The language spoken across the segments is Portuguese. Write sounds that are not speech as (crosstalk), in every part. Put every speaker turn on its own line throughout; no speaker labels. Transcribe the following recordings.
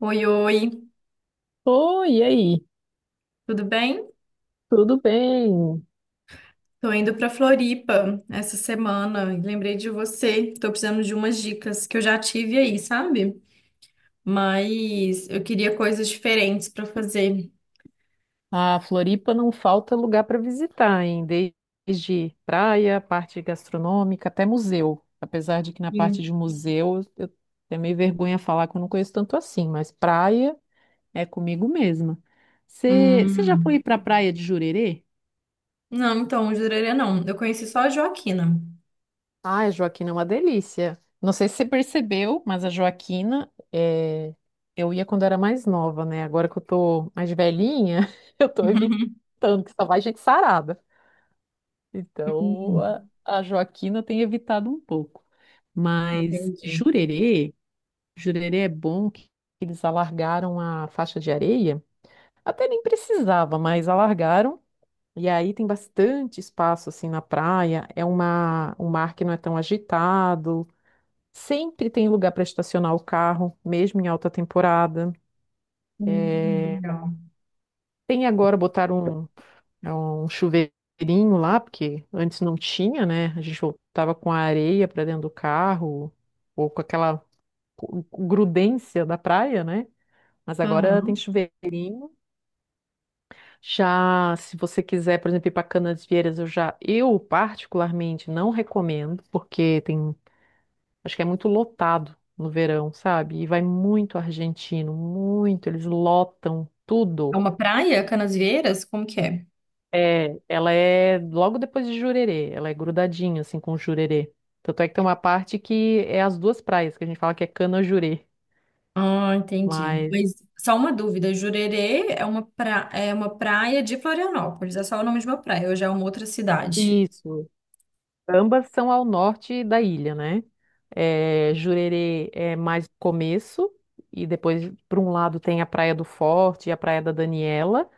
Oi, oi,
Oi, e aí?
tudo bem?
Tudo bem?
Tô indo pra Floripa essa semana. Lembrei de você. Tô precisando de umas dicas que eu já tive aí, sabe? Mas eu queria coisas diferentes pra fazer.
A Floripa não falta lugar para visitar, hein? Desde praia, parte gastronômica, até museu. Apesar de que na parte
Sim.
de museu eu tenho meio vergonha de falar que eu não conheço tanto assim, mas praia é comigo mesma. Você já
Hum.
foi para a praia de Jurerê?
Não, então, Jurerê não. Eu conheci só a Joaquina.
Ai, a Joaquina é uma delícia. Não sei se você percebeu, mas a Joaquina, eu ia quando era mais nova, né? Agora que eu tô mais velhinha, (laughs) eu tô
(laughs)
evitando, que só vai gente sarada. Então,
Hum.
a Joaquina tem evitado um pouco. Mas
Entendi.
Jurerê, Jurerê é bom que eles alargaram a faixa de areia. Até nem precisava, mas alargaram. E aí tem bastante espaço assim na praia. É uma, um mar que não é tão agitado. Sempre tem lugar para estacionar o carro, mesmo em alta temporada.
Hum.
É,
Legal.
tem agora botar um, é um chuveirinho lá, porque antes não tinha, né? A gente voltava com a areia para dentro do carro, ou com aquela grudência da praia, né? Mas agora tem
Aham.
chuveirinho. Já, se você quiser, por exemplo, ir para Canasvieiras, eu já, eu particularmente não recomendo, porque tem... Acho que é muito lotado no verão, sabe? E vai muito argentino, muito. Eles lotam
É
tudo.
uma praia, Canasvieiras? Como que é?
É, ela é logo depois de Jurerê, ela é grudadinha assim com Jurerê. Tanto é que tem uma parte que é as duas praias, que a gente fala que é Canajurê,
Ah, entendi.
mas
Mas só uma dúvida, Jurerê é uma, pra é uma praia de Florianópolis, é só o nome de uma praia, hoje é uma outra cidade.
isso, ambas são ao norte da ilha, né? É, Jurerê é mais começo e depois por um lado tem a Praia do Forte e a Praia da Daniela.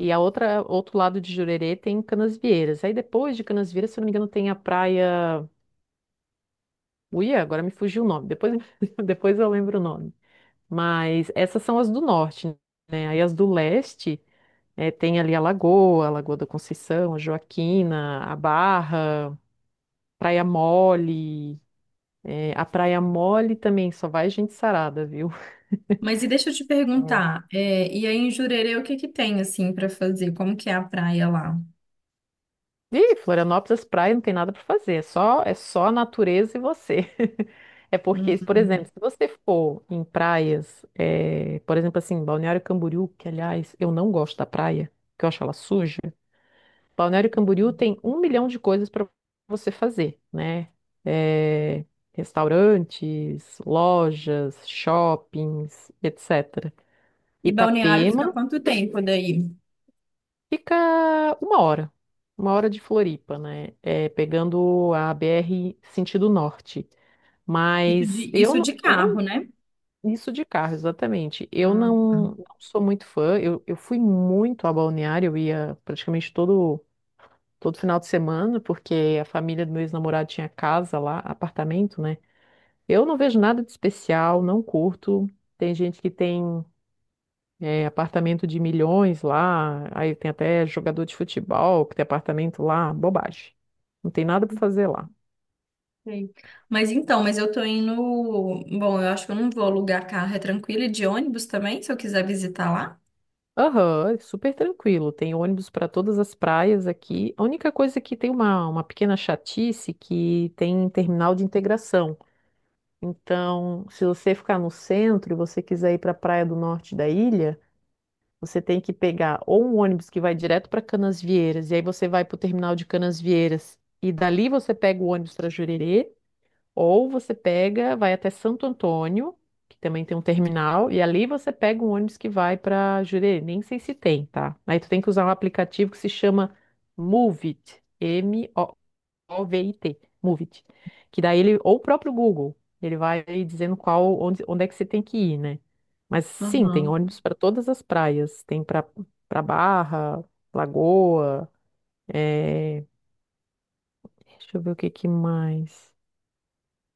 E a outra, outro lado de Jurerê tem Canasvieiras. Aí depois de Canasvieiras, se eu não me engano, tem a praia. Uia, agora me fugiu o nome. Depois, (laughs) depois eu lembro o nome. Mas essas são as do norte, né? Aí as do leste, tem ali a Lagoa da Conceição, a Joaquina, a Barra, Praia Mole. A Praia Mole também só vai gente sarada, viu?
Mas e deixa eu te
(laughs)
perguntar, é, e aí em Jurerê o que que tem assim para fazer? Como que é a praia lá?
Ih, Florianópolis, praia, não tem nada para fazer. É só a natureza e você. (laughs) É
Hum.
porque, por exemplo, se você for em praias, por exemplo, assim, Balneário Camboriú, que aliás eu não gosto da praia, que eu acho ela suja. Balneário Camboriú tem um milhão de coisas para você fazer, né? Eh, restaurantes, lojas, shoppings, etc.
E Balneário
Itapema
fica quanto tempo daí?
fica uma hora, uma hora de Floripa, né? É, pegando a BR sentido norte. Mas eu,
Isso
não-
de
eu
carro,
não.
né?
Isso de carro, exatamente. Eu
Ah,
não, não sou muito fã. Eu fui muito a Balneário, eu ia praticamente todo, todo final de semana, porque a família do meu ex-namorado tinha casa lá, apartamento, né? Eu não vejo nada de especial, não curto. Tem gente que tem é, apartamento de milhões lá, aí tem até jogador de futebol que tem apartamento lá, bobagem. Não tem nada para fazer lá.
sei. Mas então, mas eu tô indo. Bom, eu acho que eu não vou alugar carro, é tranquilo, e de ônibus também, se eu quiser visitar lá.
Aham, é super tranquilo. Tem ônibus para todas as praias aqui. A única coisa é que tem uma pequena chatice é que tem terminal de integração. Então, se você ficar no centro e você quiser ir para a praia do norte da ilha, você tem que pegar ou um ônibus que vai direto para Canasvieiras, e aí você vai para o terminal de Canasvieiras, e dali você pega o ônibus para Jurerê, ou você pega, vai até Santo Antônio, que também tem um terminal, e ali você pega um ônibus que vai para Jurerê. Nem sei se tem, tá? Aí tu tem que usar um aplicativo que se chama Moovit, M-O-V-I-T, Moovit. Que daí ele, ou o próprio Google, ele vai aí dizendo qual, onde, onde é que você tem que ir, né? Mas sim, tem
Aham.
ônibus para todas as praias. Tem para Barra, Lagoa, é... deixa eu ver o que que mais.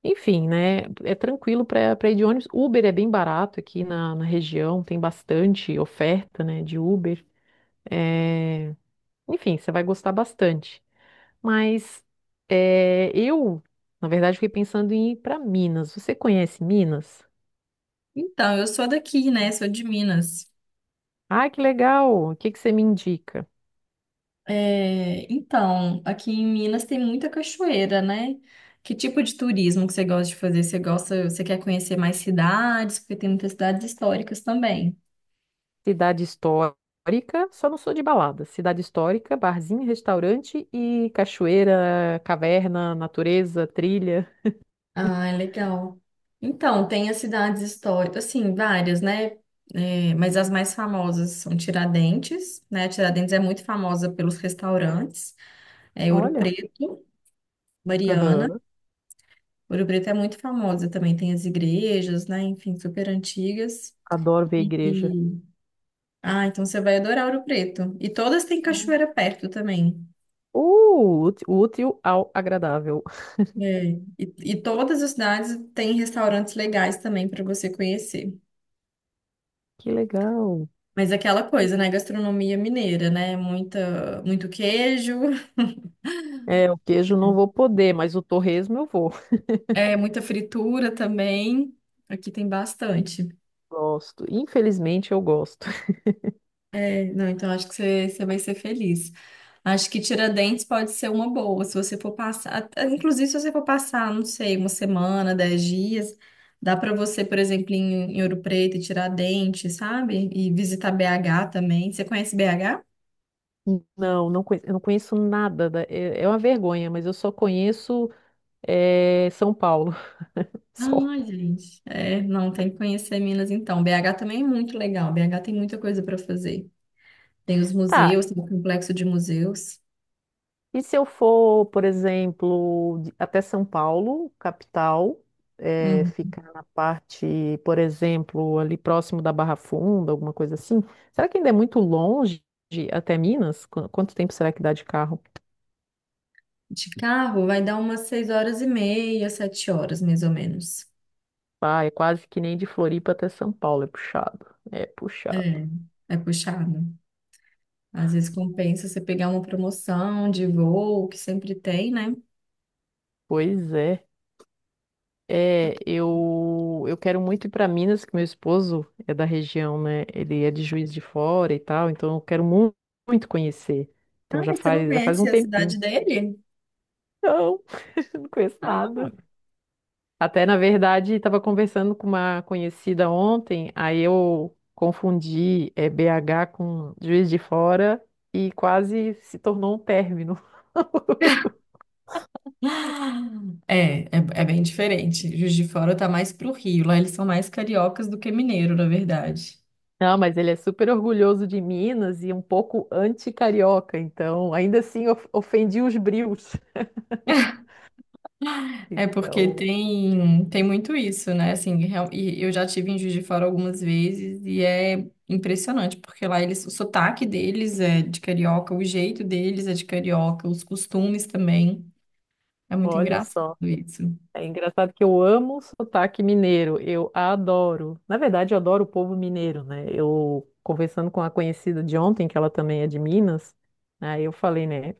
Enfim, né? É tranquilo para ir de ônibus. Uber é bem barato aqui na, na região, tem bastante oferta, né, de Uber. É, enfim, você vai gostar bastante. Mas é, eu, na verdade, fiquei pensando em ir para Minas. Você conhece Minas?
Então, eu sou daqui, né? Sou de Minas.
Ah, que legal! O que que você me indica?
É, então, aqui em Minas tem muita cachoeira, né? Que tipo de turismo que você gosta de fazer? Você gosta, você quer conhecer mais cidades? Porque tem muitas cidades históricas também.
Cidade histórica, só não sou de balada. Cidade histórica, barzinho, restaurante e cachoeira, caverna, natureza, trilha.
Ah, é legal. Então, tem as cidades históricas, assim, várias, né? É, mas as mais famosas são Tiradentes, né? Tiradentes é muito famosa pelos restaurantes, é Ouro
Olha.
Preto, Mariana.
Aham.
Ouro Preto é muito famosa também, tem as igrejas, né? Enfim, super antigas.
Adoro ver a igreja.
Ah, então você vai adorar Ouro Preto. E todas têm
Uh,
cachoeira perto também.
útil, útil ao agradável.
É. E, e todas as cidades têm restaurantes legais também para você conhecer.
Que legal.
Mas é aquela
E-
coisa, né? Gastronomia mineira, né? Muita, muito queijo,
É, o queijo não vou poder, mas o torresmo eu vou.
(laughs) é, muita fritura também. Aqui tem bastante.
Gosto. Infelizmente eu gosto. (laughs)
É, não, então acho que você, você vai ser feliz. Acho que Tiradentes pode ser uma boa, se você for passar, inclusive se você for passar, não sei, uma semana, 10 dias, dá para você, por exemplo, ir em, em Ouro Preto e Tiradentes, sabe? E visitar BH também. Você conhece BH?
Não, não conheço, eu não conheço nada. É, é uma vergonha, mas eu só conheço é, São Paulo. (laughs) Só.
Ah, gente, é, não, tem que conhecer Minas então. BH também é muito legal, BH tem muita coisa para fazer. Tem os
Tá,
museus, tem o complexo de museus.
e se eu for, por exemplo, até São Paulo, capital,
Hum.
ficar na parte, por exemplo, ali próximo da Barra Funda, alguma coisa assim, será que ainda é muito longe até Minas? Quanto tempo será que dá de carro?
De carro vai dar umas 6 horas e meia, 7 horas, mais ou menos.
Ah, é quase que nem de Floripa até São Paulo, é puxado. É
É,
puxado.
é puxado. Às vezes compensa você pegar uma promoção de voo, que sempre tem, né?
Pois é. É, eu quero muito ir para Minas, que meu esposo é da região, né? Ele é de Juiz de Fora e tal, então eu quero muito conhecer.
Ah,
Então
e você não
já faz um
conhece a
tempinho.
cidade dele? (gasps)
Não, (laughs) não conheço nada. Até, na verdade, estava conversando com uma conhecida ontem, aí eu confundi é, BH com Juiz de Fora e quase se tornou um término. (laughs)
Ah, é, é, é bem diferente. Juiz de Fora tá mais pro Rio. Lá eles são mais cariocas do que mineiro, na verdade.
Não, mas ele é super orgulhoso de Minas e um pouco anti-carioca, então ainda assim ofendi os brios.
É porque
Então,
tem, tem muito isso, né? Assim, e eu já tive em Juiz de Fora algumas vezes e é impressionante, porque lá eles, o sotaque deles é de carioca, o jeito deles é de carioca, os costumes também. É muito
olha
engraçado
só.
isso.
É engraçado que eu amo o sotaque mineiro, eu adoro. Na verdade, eu adoro o povo mineiro, né? Eu conversando com a conhecida de ontem, que ela também é de Minas, né, aí eu falei, né?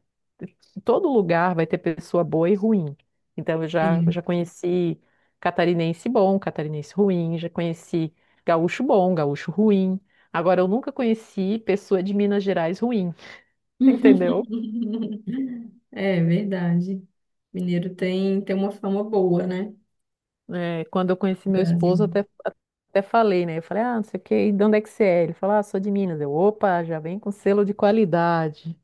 Todo lugar vai ter pessoa boa e ruim. Então, eu já,
Sim.
já conheci catarinense bom, catarinense ruim, já conheci gaúcho bom, gaúcho ruim. Agora, eu nunca conheci pessoa de Minas Gerais ruim, (laughs) entendeu?
(laughs) É verdade. Mineiro tem, tem uma fama boa, né?
É, quando eu conheci meu esposo,
Brasil.
até, até falei, né? Eu falei, ah, não sei o quê, e de onde é que você é? Ele falou, ah, sou de Minas. Eu, opa, já vem com selo de qualidade.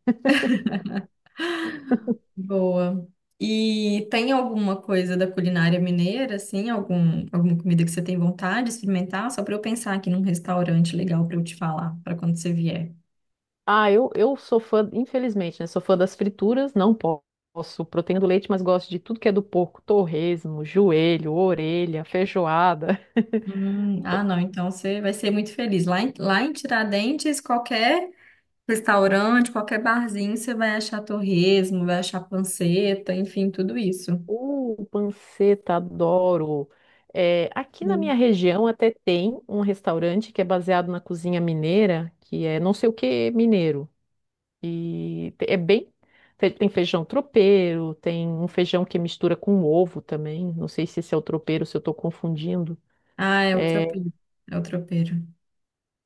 Boa. E tem alguma coisa da culinária mineira, assim? Algum, alguma comida que você tem vontade de experimentar? Só para eu pensar aqui num restaurante legal para eu te falar, para quando você vier.
Ah, eu sou fã, infelizmente, né? Sou fã das frituras, não posso proteína do leite, mas gosto de tudo que é do porco, torresmo, joelho, orelha, feijoada. (laughs)
Ah, não, então você vai ser muito feliz. Lá em Tiradentes, qualquer restaurante, qualquer barzinho, você vai achar torresmo, vai achar panceta, enfim, tudo isso.
Panceta, adoro. É, aqui na
Sim.
minha região até tem um restaurante que é baseado na cozinha mineira, que é não sei o que mineiro. E te- é bem. Tem feijão tropeiro, tem um feijão que mistura com ovo também. Não sei se esse é o tropeiro, se eu estou confundindo.
Ah, é o
É,
tropeiro. É o tropeiro.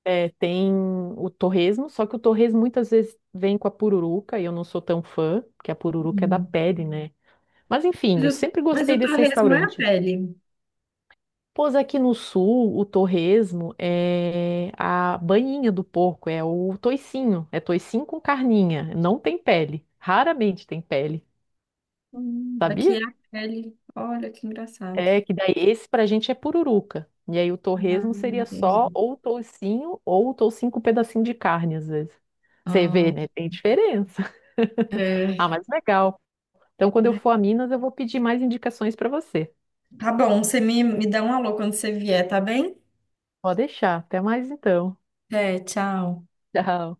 é, tem o torresmo, só que o torresmo muitas vezes vem com a pururuca e eu não sou tão fã, porque a pururuca é da
Uhum.
pele, né? Mas enfim, eu sempre
Mas
gostei
o
desse
torresmo é a
restaurante.
pele.
Pois aqui no sul, o torresmo é a banhinha do porco, é o toicinho. É toicinho com carninha, não tem pele. Raramente tem pele,
Aqui
sabia?
é a pele. Olha que engraçado.
É que daí esse pra gente é pururuca. E aí o
Ah,
torresmo seria só
entendi.
ou o toucinho com um pedacinho de carne, às vezes. Você vê,
Ah,
né? Tem diferença. (laughs) Ah,
é.
mas legal. Então, quando eu for a Minas, eu vou pedir mais indicações pra você.
Tá bom, você me, me dá um alô quando você vier, tá bem?
Pode deixar. Até mais então.
É, tchau.
Tchau.